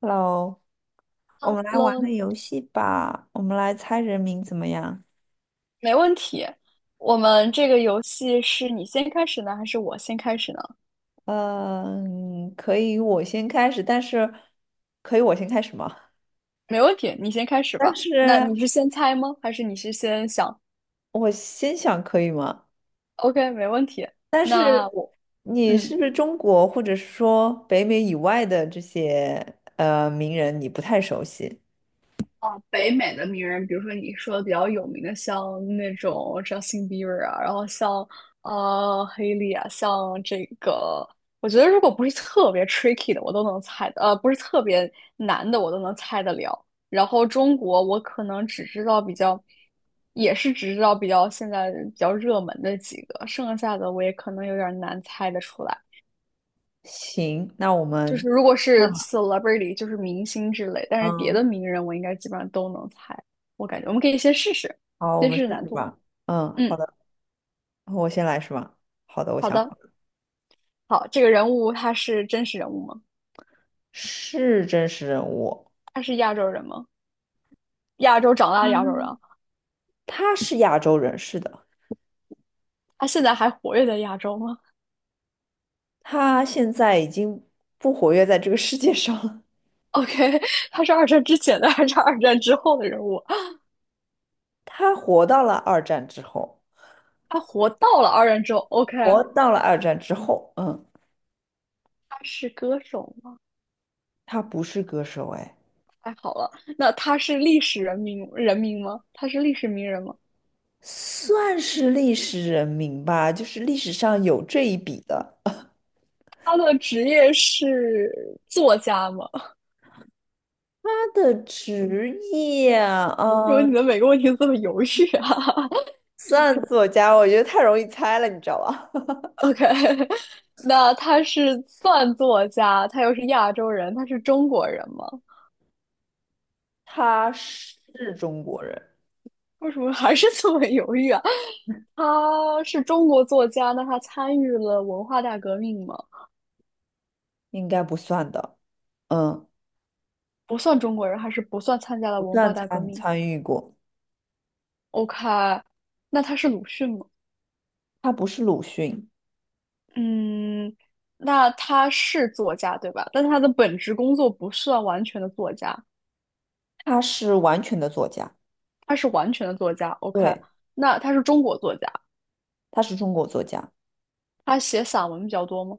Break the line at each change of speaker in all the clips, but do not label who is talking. Hello，我
哈
们来玩个
喽，
游戏吧，我们来猜人名怎么样？
没问题。我们这个游戏是你先开始呢，还是我先开始呢？
嗯，可以，我先开始，可以我先开始吗？
没问题，你先开始
但
吧。那
是
你是先猜吗？还是你是先想
我先想可以吗？
？OK，没问题。
但
那
是
我，
你是
嗯。
不是中国或者是说北美以外的这些名人你不太熟悉？
啊，北美的名人，比如说你说的比较有名的，像那种 Justin Bieber 啊，然后像黑莉啊，像这个，我觉得如果不是特别 tricky 的，我都能猜的，不是特别难的，我都能猜得了。然后中国，我可能只知道比较，也是只知道比较现在比较热门的几个，剩下的我也可能有点难猜得出来。
行，那我
就是
们
如果
那
是
么
celebrity，就是明星之类，但是别
嗯，
的名人我应该基本上都能猜。我感觉我们可以先试试，
好，我
先
们
试
试
试难
试
度。
吧。嗯，好
嗯，
的，我先来是吧？好的，我
好
想好
的，
了，
好，这个人物他是真实人物吗？
是真实人物。
他是亚洲人吗？亚洲长大的亚洲人啊，
嗯。他是亚洲人，是的，
他现在还活跃在亚洲吗
他现在已经不活跃在这个世界上了。
？OK，他是二战之前的还是二战之后的人物啊？
他活到了二战之后，
他活到了二战之后，OK，
活到了二战之后，嗯，
他是歌手吗？
他不是歌手，哎，
太好了，那他是历史人名吗？他是历史名人吗？
算是历史人名吧，就是历史上有这一笔的。
他的职业是作家吗？
他的职业，
因为什么你
嗯，
的每个问题都这么犹豫啊
算作家，我觉得太容易猜了，你知道吧？
？OK，那他是算作家，他又是亚洲人，他是中国人吗？
他是中国人，
为什么还是这么犹豫啊？他是中国作家，那他参与了文化大革命吗？
应该不算的，嗯，
不算中国人，还是不算参加了
不
文化
算
大革
参
命
参与过，
？OK，那他是鲁迅吗？
他不是鲁迅。
嗯，那他是作家对吧？但他的本职工作不算完全的作家。
他是完全的作家，
他是完全的作家，OK，
对，
那他是中国作家，
他是中国作家，
他写散文比较多吗？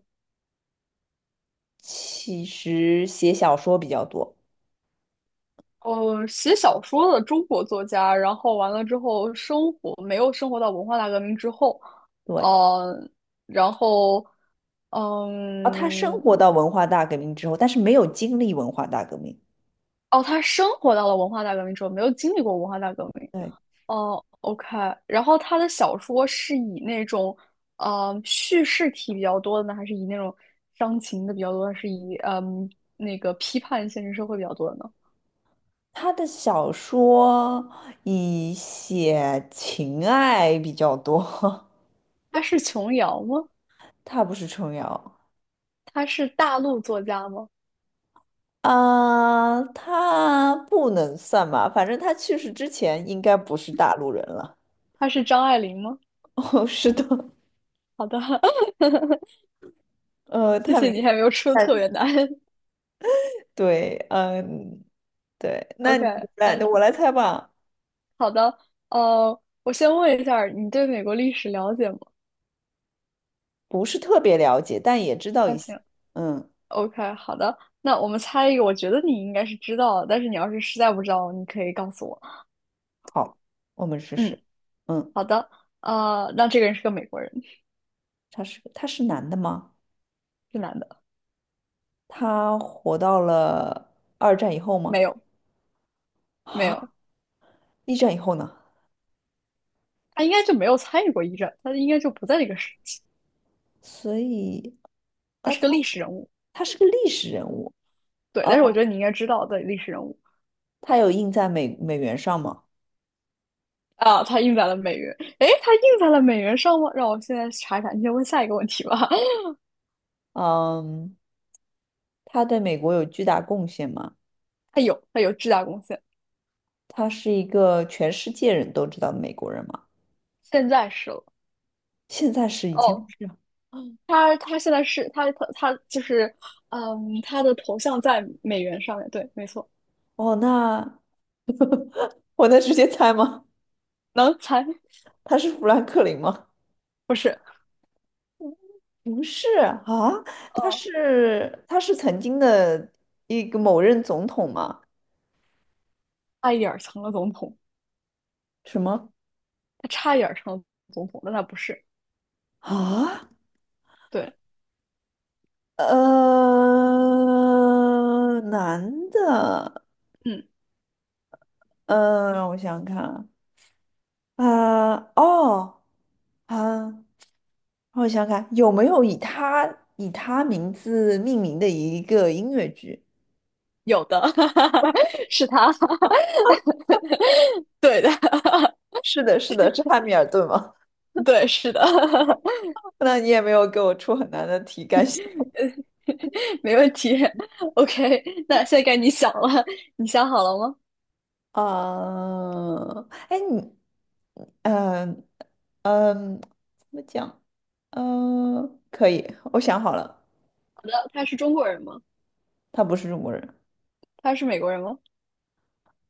其实写小说比较多，
写小说的中国作家，然后完了之后生活没有生活到文化大革命之后，
对。
呃，然后，
然他生
嗯，
活到文化大革命之后，但是没有经历文化大革命。
哦，他生活到了文化大革命之后，没有经历过文化大革命，
对，
哦，OK，然后他的小说是以那种，叙事体比较多的呢，还是以那种伤情的比较多，还是以那个批判现实社会比较多的呢？
他的小说以写情爱比较多，
他是琼瑶吗？
他不是琼瑶。
他是大陆作家吗？
啊，他不能算吧，反正他去世之前应该不是大陆人了。
他是张爱玲吗？
哦，是的，
好的，谢
他
谢
明
你还没有出特别
白，
难。
对，嗯，对，那
OK，
你来，
那
我
行，
来猜吧。
好的，我先问一下儿你对美国历史了解吗？
不是特别了解，但也知道
那
一些。
行。
嗯，
OK，好的，那我们猜一个，我觉得你应该是知道的，但是你要是实在不知道，你可以告诉我。
好，我们试试。
嗯，
嗯，
好的，那这个人是个美国人，
他是男的吗？
是男的，
他活到了二战以后
没
吗？
有，没有，
啊，一战以后呢？
他应该就没有参与过一战，他应该就不在这个时期，
所以，
他
呃，
是个
他
历
是
史人物，
他是个历史人物。
对，
呃，
但是我觉得你应该知道的历史人物
他有印在美元上吗？
啊，他印在了美元，诶，他印在了美元上吗？让我现在查一查，你先问下一个问题吧。
嗯，他对美国有巨大贡献吗？
他有，他有巨大贡献，
他是一个全世界人都知道的美国人吗？
现在是了。
现在是以前不
哦，
是。
他现在是他就是，嗯，他的头像在美元上面，对，没错，
哦，那 我能直接猜吗？
能才
他是富兰克林吗？
不是，
不是啊，他
呃，
是他是曾经的一个某任总统吗？
差一点儿成了总统，
什么
他差一点儿成了总统，但他不是，
啊？
对，
男的，
嗯，
嗯、让我想想看啊，哦，啊，让我想想看，有没有以他名字命名的一个音乐剧？
有的，是他，对的，
是的，是的，是汉密尔顿吗？
对，是的，
那你也没有给我出很难的题，感谢。
没问题，OK，那现在该你想了，你想好了吗？
啊，哎，你，嗯怎么讲？嗯，可以，我想好了，
好的，他是中国人吗？
他不是中国人，
他是美国人吗？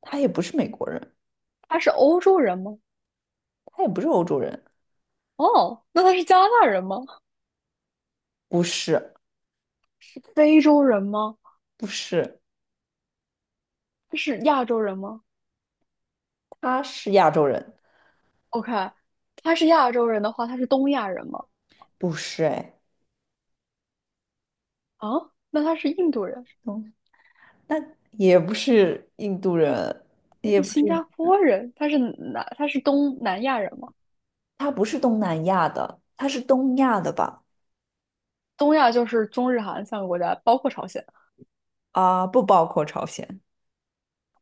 他也不是美国人，
他是欧洲人吗？
他也不是欧洲人，
哦，那他是加拿大人吗？
不是，
是非洲人吗？
不是，
他是亚洲人吗？
他是亚洲人，
OK，他是亚洲人的话，他是东亚人吗？
不是，哎，
啊，那他是印度人，
嗯，那也不是印度人，
他
也
是
不
新
是
加
印，
坡人，他是南，他是东南亚人吗？
他不是东南亚的，他是东亚的吧？
东亚就是中日韩三个国家，包括朝鲜，
啊，不包括朝鲜，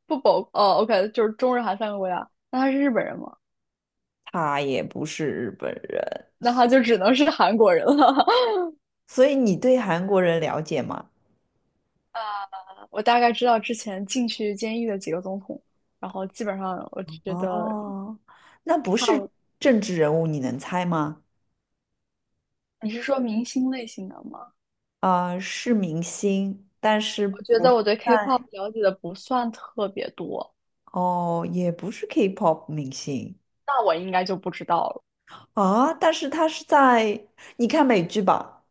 不包，哦，OK，就是中日韩三个国家。那他是日本人吗？
他也不是日本人。
那他就只能是韩国人了。
所以你对韩国人了解吗？
我大概知道之前进去监狱的几个总统，然后基本上我觉得
哦，那不
差
是
不。
政治人物，你能猜吗？
你是说明星类型的吗？
啊、是明星，但是
我觉
不
得
是
我对 K-pop
在
了解的不算特别多，
哦，也不是 K-pop 明星
那我应该就不知道了。
啊，但是他是你看美剧吧？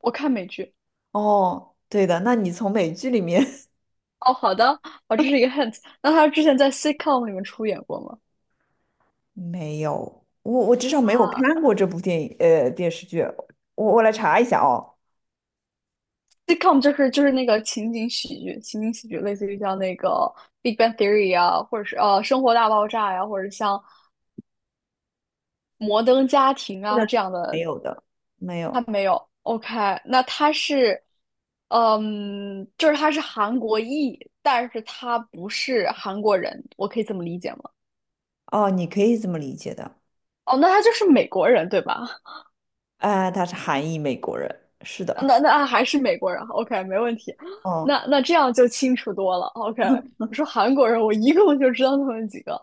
我看美剧。
哦，对的，那你从美剧里面
哦，好的，哦，这是一个 hint。那他之前在 sitcom 里面出演过吗
没有，我至少没有看过这部电视剧，我来查一下哦，
？sitcom 就是那个情景喜剧，情景喜剧类似于像那个《Big Bang Theory》啊，或者是《生活大爆炸》呀，或者像《摩登家庭》
是的，
啊这样
没
的。
有的，没
他
有
没有。OK，那他是，嗯，就是他是韩国裔，但是他不是韩国人，我可以这么理解吗？
哦，你可以这么理解的。
哦，那他就是美国人，对吧？
哎，她是韩裔美国人，是的，
那那还是美国人，OK，没问题。
嗯，
那那这样就清楚多了，OK。我说韩国人，我一共就知道他们几个，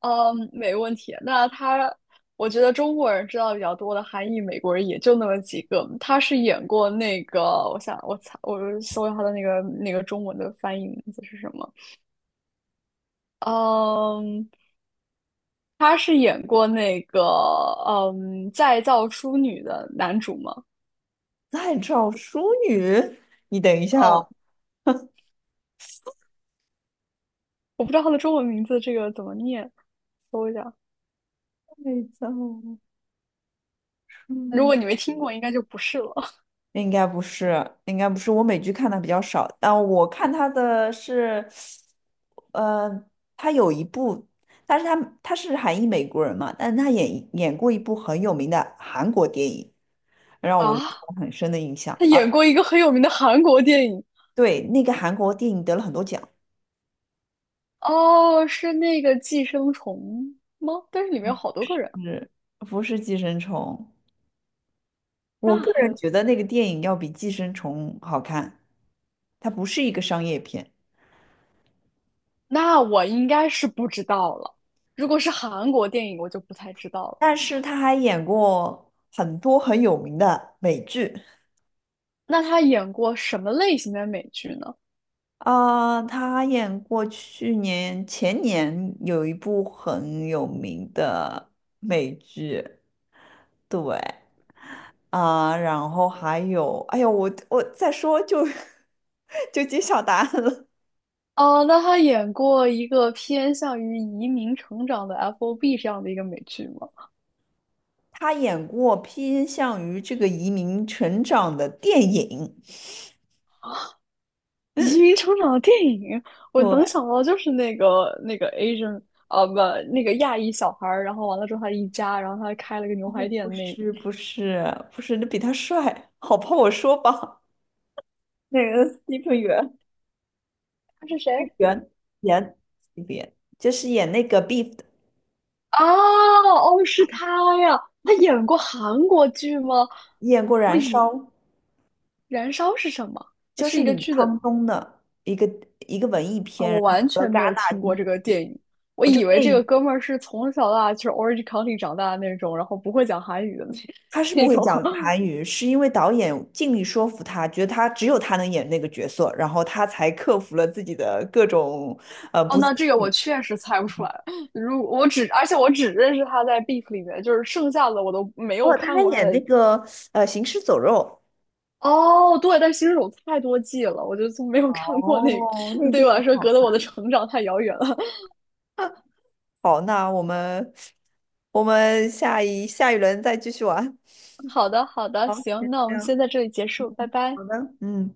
嗯，没问题。那他，我觉得中国人知道比较多的韩裔美国人也就那么几个。他是演过那个，我想我猜，我搜一下他的那个中文的翻译名字是什么？嗯，他是演过那个再造淑女的男主吗？
在找淑女，你等一下
嗯，
哦，
我不知道他的中文名字这个怎么念，搜一下。
再造淑
如
女
果你没听过，应该就不是了
应该不是，应该不是，我美剧看的比较少，但我看她的是，呃，她有一部，但是她是韩裔美国人嘛，但是她演过一部很有名的韩国电影，让我留
啊。
下很深的印象，
他
啊，
演过一个很有名的韩国电影，
对，那个韩国电影得了很多奖，
哦，是那个《寄生虫》吗？但是里面有好多个人。
是不是《寄生虫》？我
那
个
还
人
有，
觉得那个电影要比《寄生虫》好看，它不是一个商业片，
那我应该是不知道了。如果是韩国电影，我就不太知道了。
但是他还演过很多很有名的美剧
那他演过什么类型的美剧呢？
啊，他还演过去年前年有一部很有名的美剧，对啊，然后还有，哎呦，我再说就 就揭晓答案了，
哦，那他演过一个偏向于移民成长的 FOB 这样的一个美剧吗？
他演过偏向于这个移民成长的电影。
移民成长的电影，我
对，
能想到就是那个 Asian 啊，不，那个亚裔小孩儿，然后完了之后他一家，然后他开了个牛
哦，
排店
不
那，
是不是不是，你比他帅，好怕我说吧。那个 s t e p h 元 s
他是谁？
p h 元演 s t 就是演那个 Beef 的，
啊，哦，是他呀，他演过韩国剧吗？
演过
我
《燃
以
烧》，
《燃烧》是什么？
就
是
是
一
李
个剧
沧
的
东的一个文艺
啊，我
片，
完
和
全没
戛
有
纳
听过
金。
这个电影，我
哦，这
以
个
为
电
这个
影
哥们儿是从小到大就是 Orange County 长大的那种，然后不会讲韩语的那
他是 不
那
会
种。
讲韩语，是因为导演尽力说服他，觉得他只有他能演那个角色，然后他才克服了自己的各种
哦，
不自。
那这个我确实猜不出来。如我只，而且我只认识他在 Beef 里面，就是剩下的我都没有
哦，他
看
还
过他的。
演那个《行尸走肉》。
哦，对，但新手太多季了，我就从没有看过那
哦，那
个，对于
电
我
影。
来说隔
好。
得我的成长太遥远了。
好，那我们下一轮再继续玩。
好的，好的，
好，
行，
先
那我
这
们
样，
先在这里结束，拜拜。
好的，嗯。